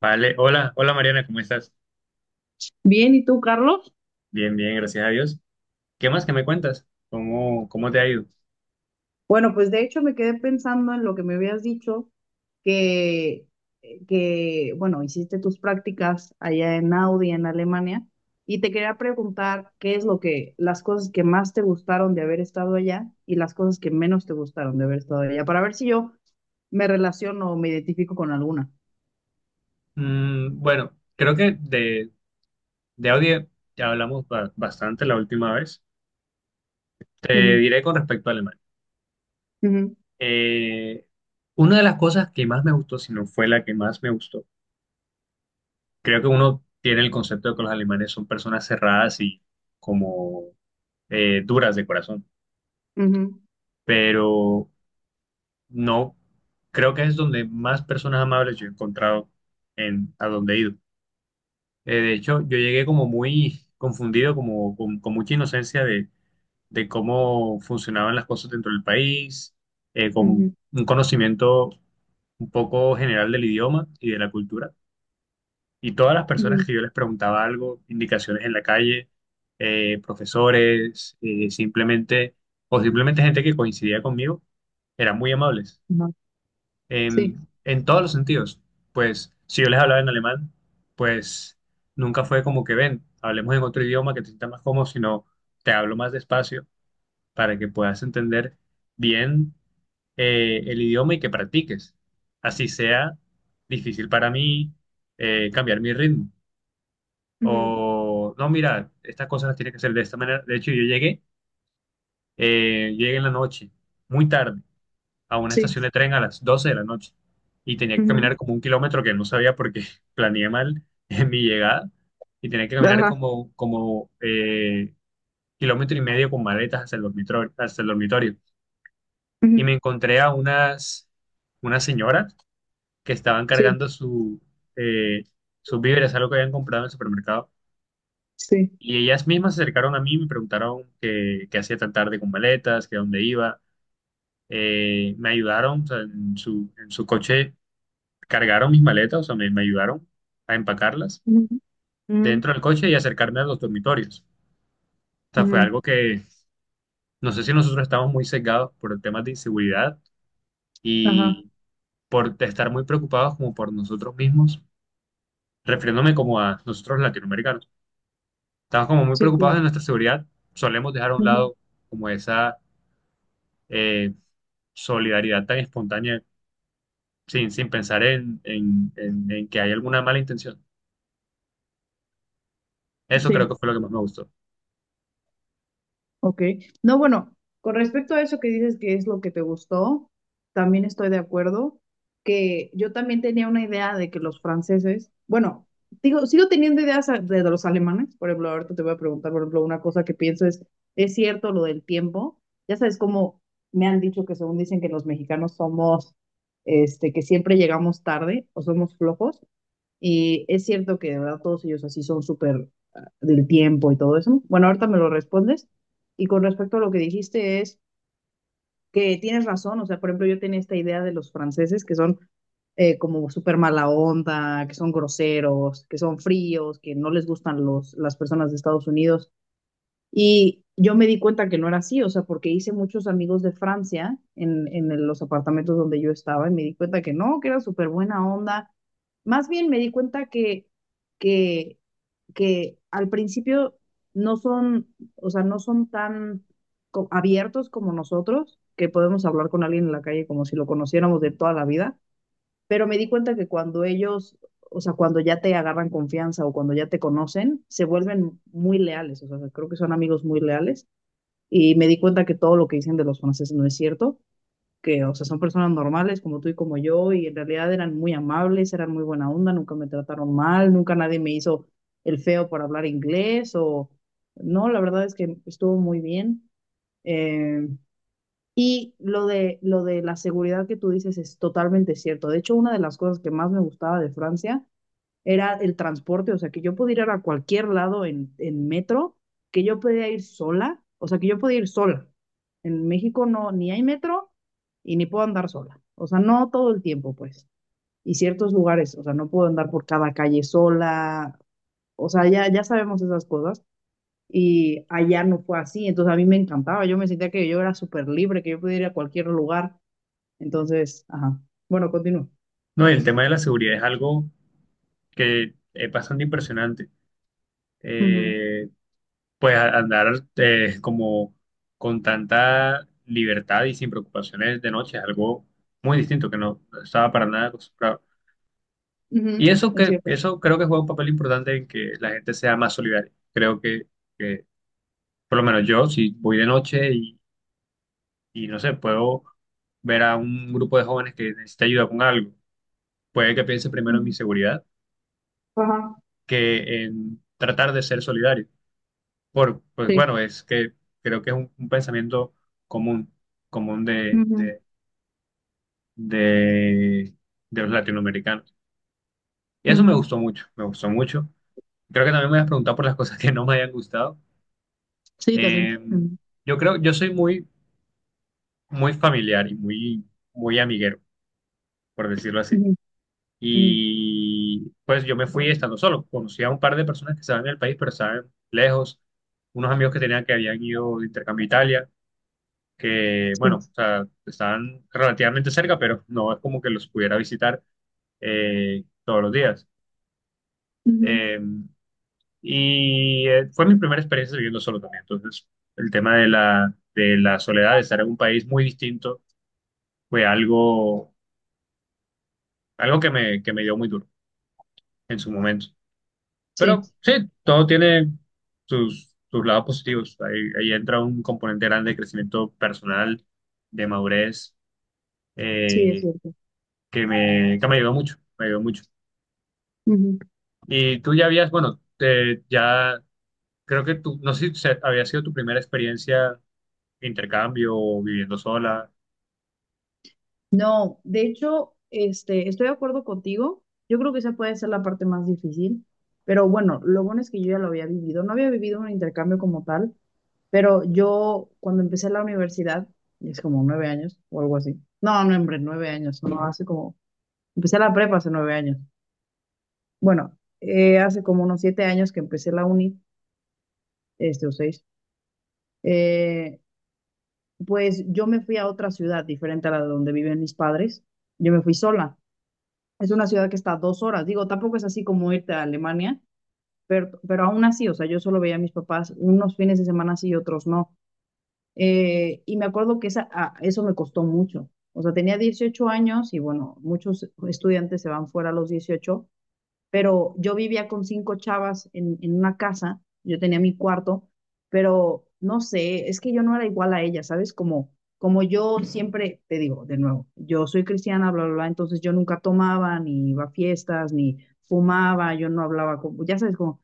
Vale, hola, hola Mariana, ¿cómo estás? Bien, ¿y tú, Carlos? Bien, bien, gracias a Dios. ¿Qué más que me cuentas? ¿Cómo te ha ido? Bueno, pues de hecho me quedé pensando en lo que me habías dicho, que, que bueno, hiciste tus prácticas allá en Audi, en Alemania, y te quería preguntar qué es lo que, las cosas que más te gustaron de haber estado allá y las cosas que menos te gustaron de haber estado allá, para ver si yo me relaciono o me identifico con alguna. Bueno, creo que de audio ya hablamos bastante la última vez. Te Ujú, diré con respecto a Alemania. ujú, Eh, una de las cosas que más me gustó, si no fue la que más me gustó, creo que uno tiene el concepto de que los alemanes son personas cerradas y como duras de corazón, ujú, pero no, creo que es donde más personas amables yo he encontrado en a donde he ido. De hecho, yo llegué como muy confundido, como con mucha inocencia de cómo funcionaban las cosas dentro del país, con ujú, un conocimiento un poco general del idioma y de la cultura. Y todas las personas ujú, que yo les preguntaba algo, indicaciones en la calle, profesores, o simplemente gente que coincidía conmigo, eran muy amables ajá, sí, en todos los sentidos. Pues si yo les hablaba en alemán, pues nunca fue como que ven, hablemos en otro idioma que te sienta más cómodo, sino te hablo más despacio para que puedas entender bien el idioma y que practiques. Así sea difícil para mí cambiar mi ritmo. ujú, O no, mira, estas cosas las tienes que hacer de esta manera. De hecho, yo llegué en la noche, muy tarde a una sí, estación de tren a las 12 de la noche y tenía que ujú, caminar como 1 kilómetro que no sabía porque planeé mal en mi llegada y tenía que caminar ajá, como kilómetro y medio con maletas hasta el dormitorio, hasta el dormitorio. Y ujú, me encontré a unas señoras que estaban sí, cargando eh, sus víveres, algo que habían comprado en el supermercado. sí. Y ellas mismas se acercaron a mí y me preguntaron qué hacía tan tarde con maletas, que a dónde iba. Me ayudaron, o sea, en su coche. Cargaron mis maletas, o sea, me ayudaron a empacarlas Mm, mm, dentro del coche y acercarme a los dormitorios. O sea, fue algo mm. que no sé si nosotros estamos muy sesgados por temas de inseguridad Ajá, y por estar muy preocupados como por nosotros mismos, refiriéndome como a nosotros latinoamericanos. Estamos como muy sí, preocupados claro. de nuestra seguridad, solemos dejar a un Ujú. lado como esa eh, solidaridad tan espontánea sin pensar en que hay alguna mala intención. Eso creo que Sí, fue lo que más me gustó. ok. No, bueno, con respecto a eso que dices que es lo que te gustó, también estoy de acuerdo que yo también tenía una idea de que los franceses, bueno, digo, sigo teniendo ideas de los alemanes, por ejemplo, ahorita te voy a preguntar, por ejemplo, una cosa que pienso ¿es cierto lo del tiempo? Ya sabes cómo me han dicho que según dicen que los mexicanos somos, este, que siempre llegamos tarde o somos flojos. Es cierto que de verdad todos ellos así son súper ah, del tiempo y todo eso. Bueno, ahorita me lo respondes. Y con respecto a lo que dijiste es que tienes razón. O sea, por ejemplo, yo tenía esta idea de los franceses que son como súper mala onda, que son groseros, que son fríos, que no les gustan las personas de Estados Unidos. Y yo me di cuenta que no era así, o sea, porque hice muchos amigos de Francia en, en los apartamentos donde yo estaba y me di cuenta que no, que era súper buena onda. Más bien me di cuenta que, que al principio no son, o sea, no son tan abiertos como nosotros, que podemos hablar con alguien en la calle como si lo conociéramos de toda la vida, pero me di cuenta que cuando ellos, o sea, cuando ya te agarran confianza o cuando ya te conocen, se vuelven muy leales, o sea, creo que son amigos muy leales. Y me di cuenta que todo lo que dicen de los franceses no es cierto, que, o sea, son personas normales como tú y como yo, y en realidad eran muy amables, eran muy buena onda, nunca me trataron mal, nunca nadie me hizo el feo por hablar inglés o... No, la verdad es que estuvo muy bien. Eh, y lo de la seguridad que tú dices es totalmente cierto. De hecho, una de las cosas que más me gustaba de Francia era el transporte, o sea, que yo podía ir a cualquier lado en metro, que yo podía ir sola, o sea, que yo podía ir sola. En México no, ni hay metro y ni puedo andar sola, o sea, no todo el tiempo, pues. Y ciertos lugares, o sea, no puedo andar por cada calle sola, o sea, ya, ya sabemos esas cosas y allá no fue así, entonces a mí me encantaba, yo me sentía que yo era súper libre, que yo podía ir a cualquier lugar, entonces, ajá, bueno, continúo. No, y el tema de la seguridad es algo que es bastante impresionante. Ujú, Eh, pues andar como con tanta libertad y sin preocupaciones de noche es algo muy distinto que no estaba para nada acostumbrado. ujú, Y es cierto. eso creo que juega un papel importante en que la gente sea más solidaria. Creo que por lo menos yo, si voy de noche y no sé, puedo ver a un grupo de jóvenes que necesita ayuda con algo, puede que piense primero en mi Ujú, seguridad ajá, que en tratar de ser solidario. Pues sí. bueno, es que creo que es un pensamiento común, común Ujú, de, de los latinoamericanos. Y eso me ujú, gustó mucho, me gustó mucho. Creo que también me has preguntado por las cosas que no me hayan gustado. sí, Eh, también. Ujú, yo yo soy muy, muy familiar y muy, muy amiguero, por decirlo así. ujú, ujú, Y pues yo me fui estando solo. Conocí a un par de personas que estaban en el país, pero estaban lejos. Unos amigos que tenía que habían ido de intercambio a Italia que, bueno, o sí, sea, están relativamente cerca, pero no es como que los pudiera visitar todos los días. ujú, Eh, y fue mi primera experiencia viviendo solo también. Entonces, el tema de la soledad, de estar en un país muy distinto, fue algo que me dio muy duro en su momento. Pero sí, sí, todo tiene sus, sus lados positivos. Ahí, ahí entra un componente grande de crecimiento personal, de madurez, sí, es eh, cierto. Que me ayudó mucho, me ayudó mucho. Y tú ya habías, bueno, ya creo que tú, no sé si había sido tu primera experiencia de intercambio o viviendo sola, No, de hecho, este, estoy de acuerdo contigo. Yo creo que esa puede ser la parte más difícil, pero bueno, lo bueno es que yo ya lo había vivido. No había vivido un intercambio como tal, pero yo cuando empecé la universidad, es como 9 años o algo así. No, no, hombre, 9 años, no, hace como, empecé la prepa hace 9 años. Bueno, hace como unos 7 años que empecé la uni, este, o seis, eh, pues yo me fui a otra ciudad diferente a la de donde viven mis padres. Yo me fui sola. Es una ciudad que está a 2 horas. Digo, tampoco es así como irte a Alemania, pero aún así, o sea, yo solo veía a mis papás unos fines de semana sí y otros no. Y me acuerdo que eso me costó mucho. O sea, tenía 18 años y bueno, muchos estudiantes se van fuera a los 18, pero yo vivía con cinco chavas en una casa, yo tenía mi cuarto, pero no sé, es que yo no era igual a ella, ¿sabes? Como, como yo siempre, te digo de nuevo, yo soy cristiana, bla, bla, bla, entonces yo nunca tomaba, ni iba a fiestas, ni fumaba, yo no hablaba, con, ya sabes, como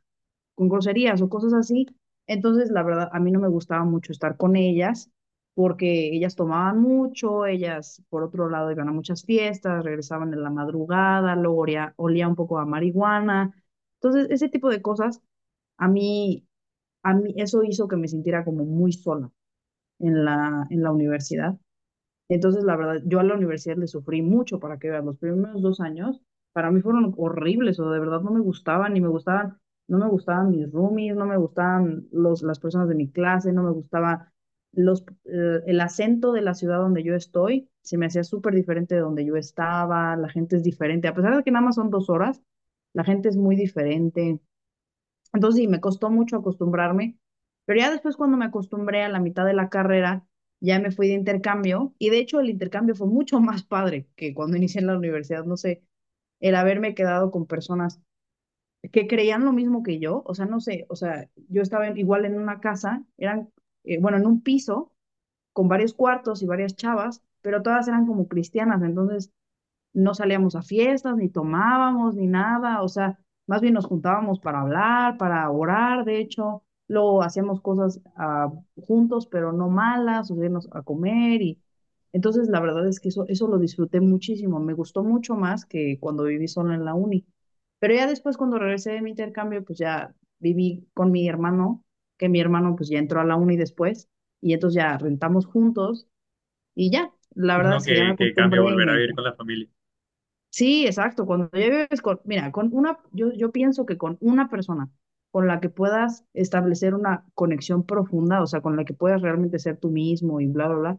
con groserías o cosas así. Entonces, la verdad, a mí no me gustaba mucho estar con ellas porque ellas tomaban mucho, ellas por otro lado iban a muchas fiestas, regresaban en la madrugada, luego olía, olía un poco a marihuana. Entonces, ese tipo de cosas, a mí, a mí eso hizo que me sintiera como muy sola en la universidad. Entonces, la verdad, yo a la universidad le sufrí mucho para que vean. Los primeros 2 años para mí fueron horribles, o sea, de verdad no me gustaban mis roomies, no me gustaban las personas de mi clase, no me gustaba el acento de la ciudad donde yo estoy, se me hacía súper diferente de donde yo estaba, la gente es diferente, a pesar de que nada más son 2 horas, la gente es muy diferente. Entonces sí, me costó mucho acostumbrarme, pero ya después cuando me acostumbré a la mitad de la carrera, ya me fui de intercambio y de hecho el intercambio fue mucho más padre que cuando inicié en la universidad, no sé, el haberme quedado con personas que creían lo mismo que yo, o sea, no sé, o sea, yo estaba igual en una casa, eran, bueno, en un piso con varios cuartos y varias chavas, pero todas eran como cristianas, entonces no salíamos a fiestas, ni tomábamos, ni nada, o sea, más bien nos juntábamos para hablar, para orar, de hecho, luego hacíamos cosas ah, juntos, pero no malas, o irnos a comer y entonces la verdad es que eso lo disfruté muchísimo, me gustó mucho más que cuando viví sola en la uni. Pero ya después cuando regresé de mi intercambio, pues ya viví con mi hermano, que mi hermano pues ya entró a la uni después y entonces ya rentamos juntos y ya, la verdad uno es que ya me que cambia acostumbré y volver me a vivir encanta. con la familia. Sí, exacto. Cuando ya vives con, mira, con una, yo pienso que con una persona con la que puedas establecer una conexión profunda, o sea, con la que puedas realmente ser tú mismo y bla, bla, bla,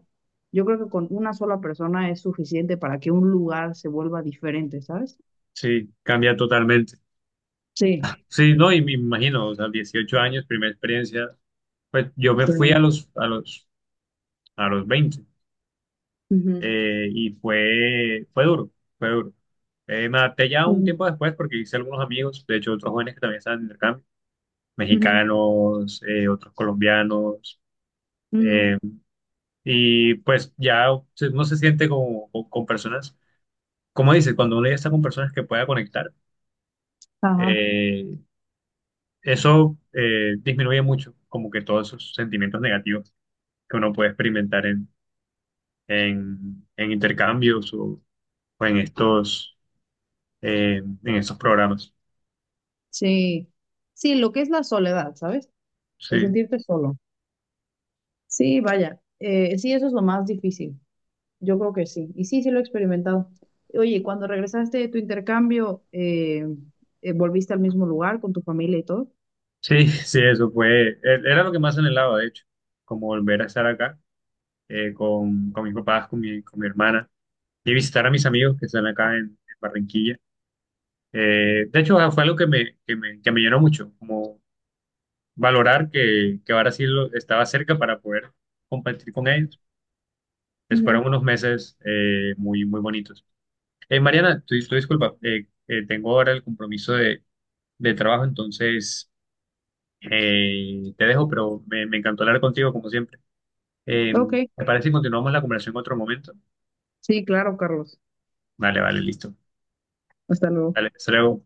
yo creo que con una sola persona es suficiente para que un lugar se vuelva diferente, ¿sabes? Sí, cambia totalmente. Sí. Sí, no, y me imagino, o sea, 18 años, primera experiencia, pues yo me Sí. fui a los, a los 20 Ujú, y fue duro, fue duro. Me adapté ya un ujú, tiempo después porque hice algunos amigos, de hecho otros jóvenes que también estaban en intercambio, ujú, mexicanos, otros colombianos. ujú. eh, y pues ya uno se siente como, con personas, como dices, cuando uno ya está con personas que pueda conectar, Ajá. eh, eso disminuye mucho como que todos esos sentimientos negativos que uno puede experimentar en intercambios o en estos programas. Sí. Sí, lo que es la soledad, ¿sabes? El Sí, sentirte solo. Sí, vaya. Sí, eso es lo más difícil. Yo creo que sí. Y sí, sí lo he experimentado. Oye, cuando regresaste de tu intercambio, ¿volviste al mismo lugar con tu familia y todo? sí, sí, era lo que más anhelaba, de hecho, como volver a estar acá con mis papás, con mi hermana y visitar a mis amigos que están acá en Barranquilla. De hecho, fue algo que me, que me, que me llenó mucho, como valorar que Brasil estaba cerca para poder competir con ellos. Pues Ujú. fueron unos meses muy, muy bonitos. Mariana, tu disculpa, tengo ahora el compromiso de trabajo, entonces te dejo, pero me encantó hablar contigo como siempre. Eh, Ok, ¿Te parece que continuamos la conversación en otro momento? sí, claro, Carlos. Vale, vale, listo. Hasta luego. Dale, hasta luego.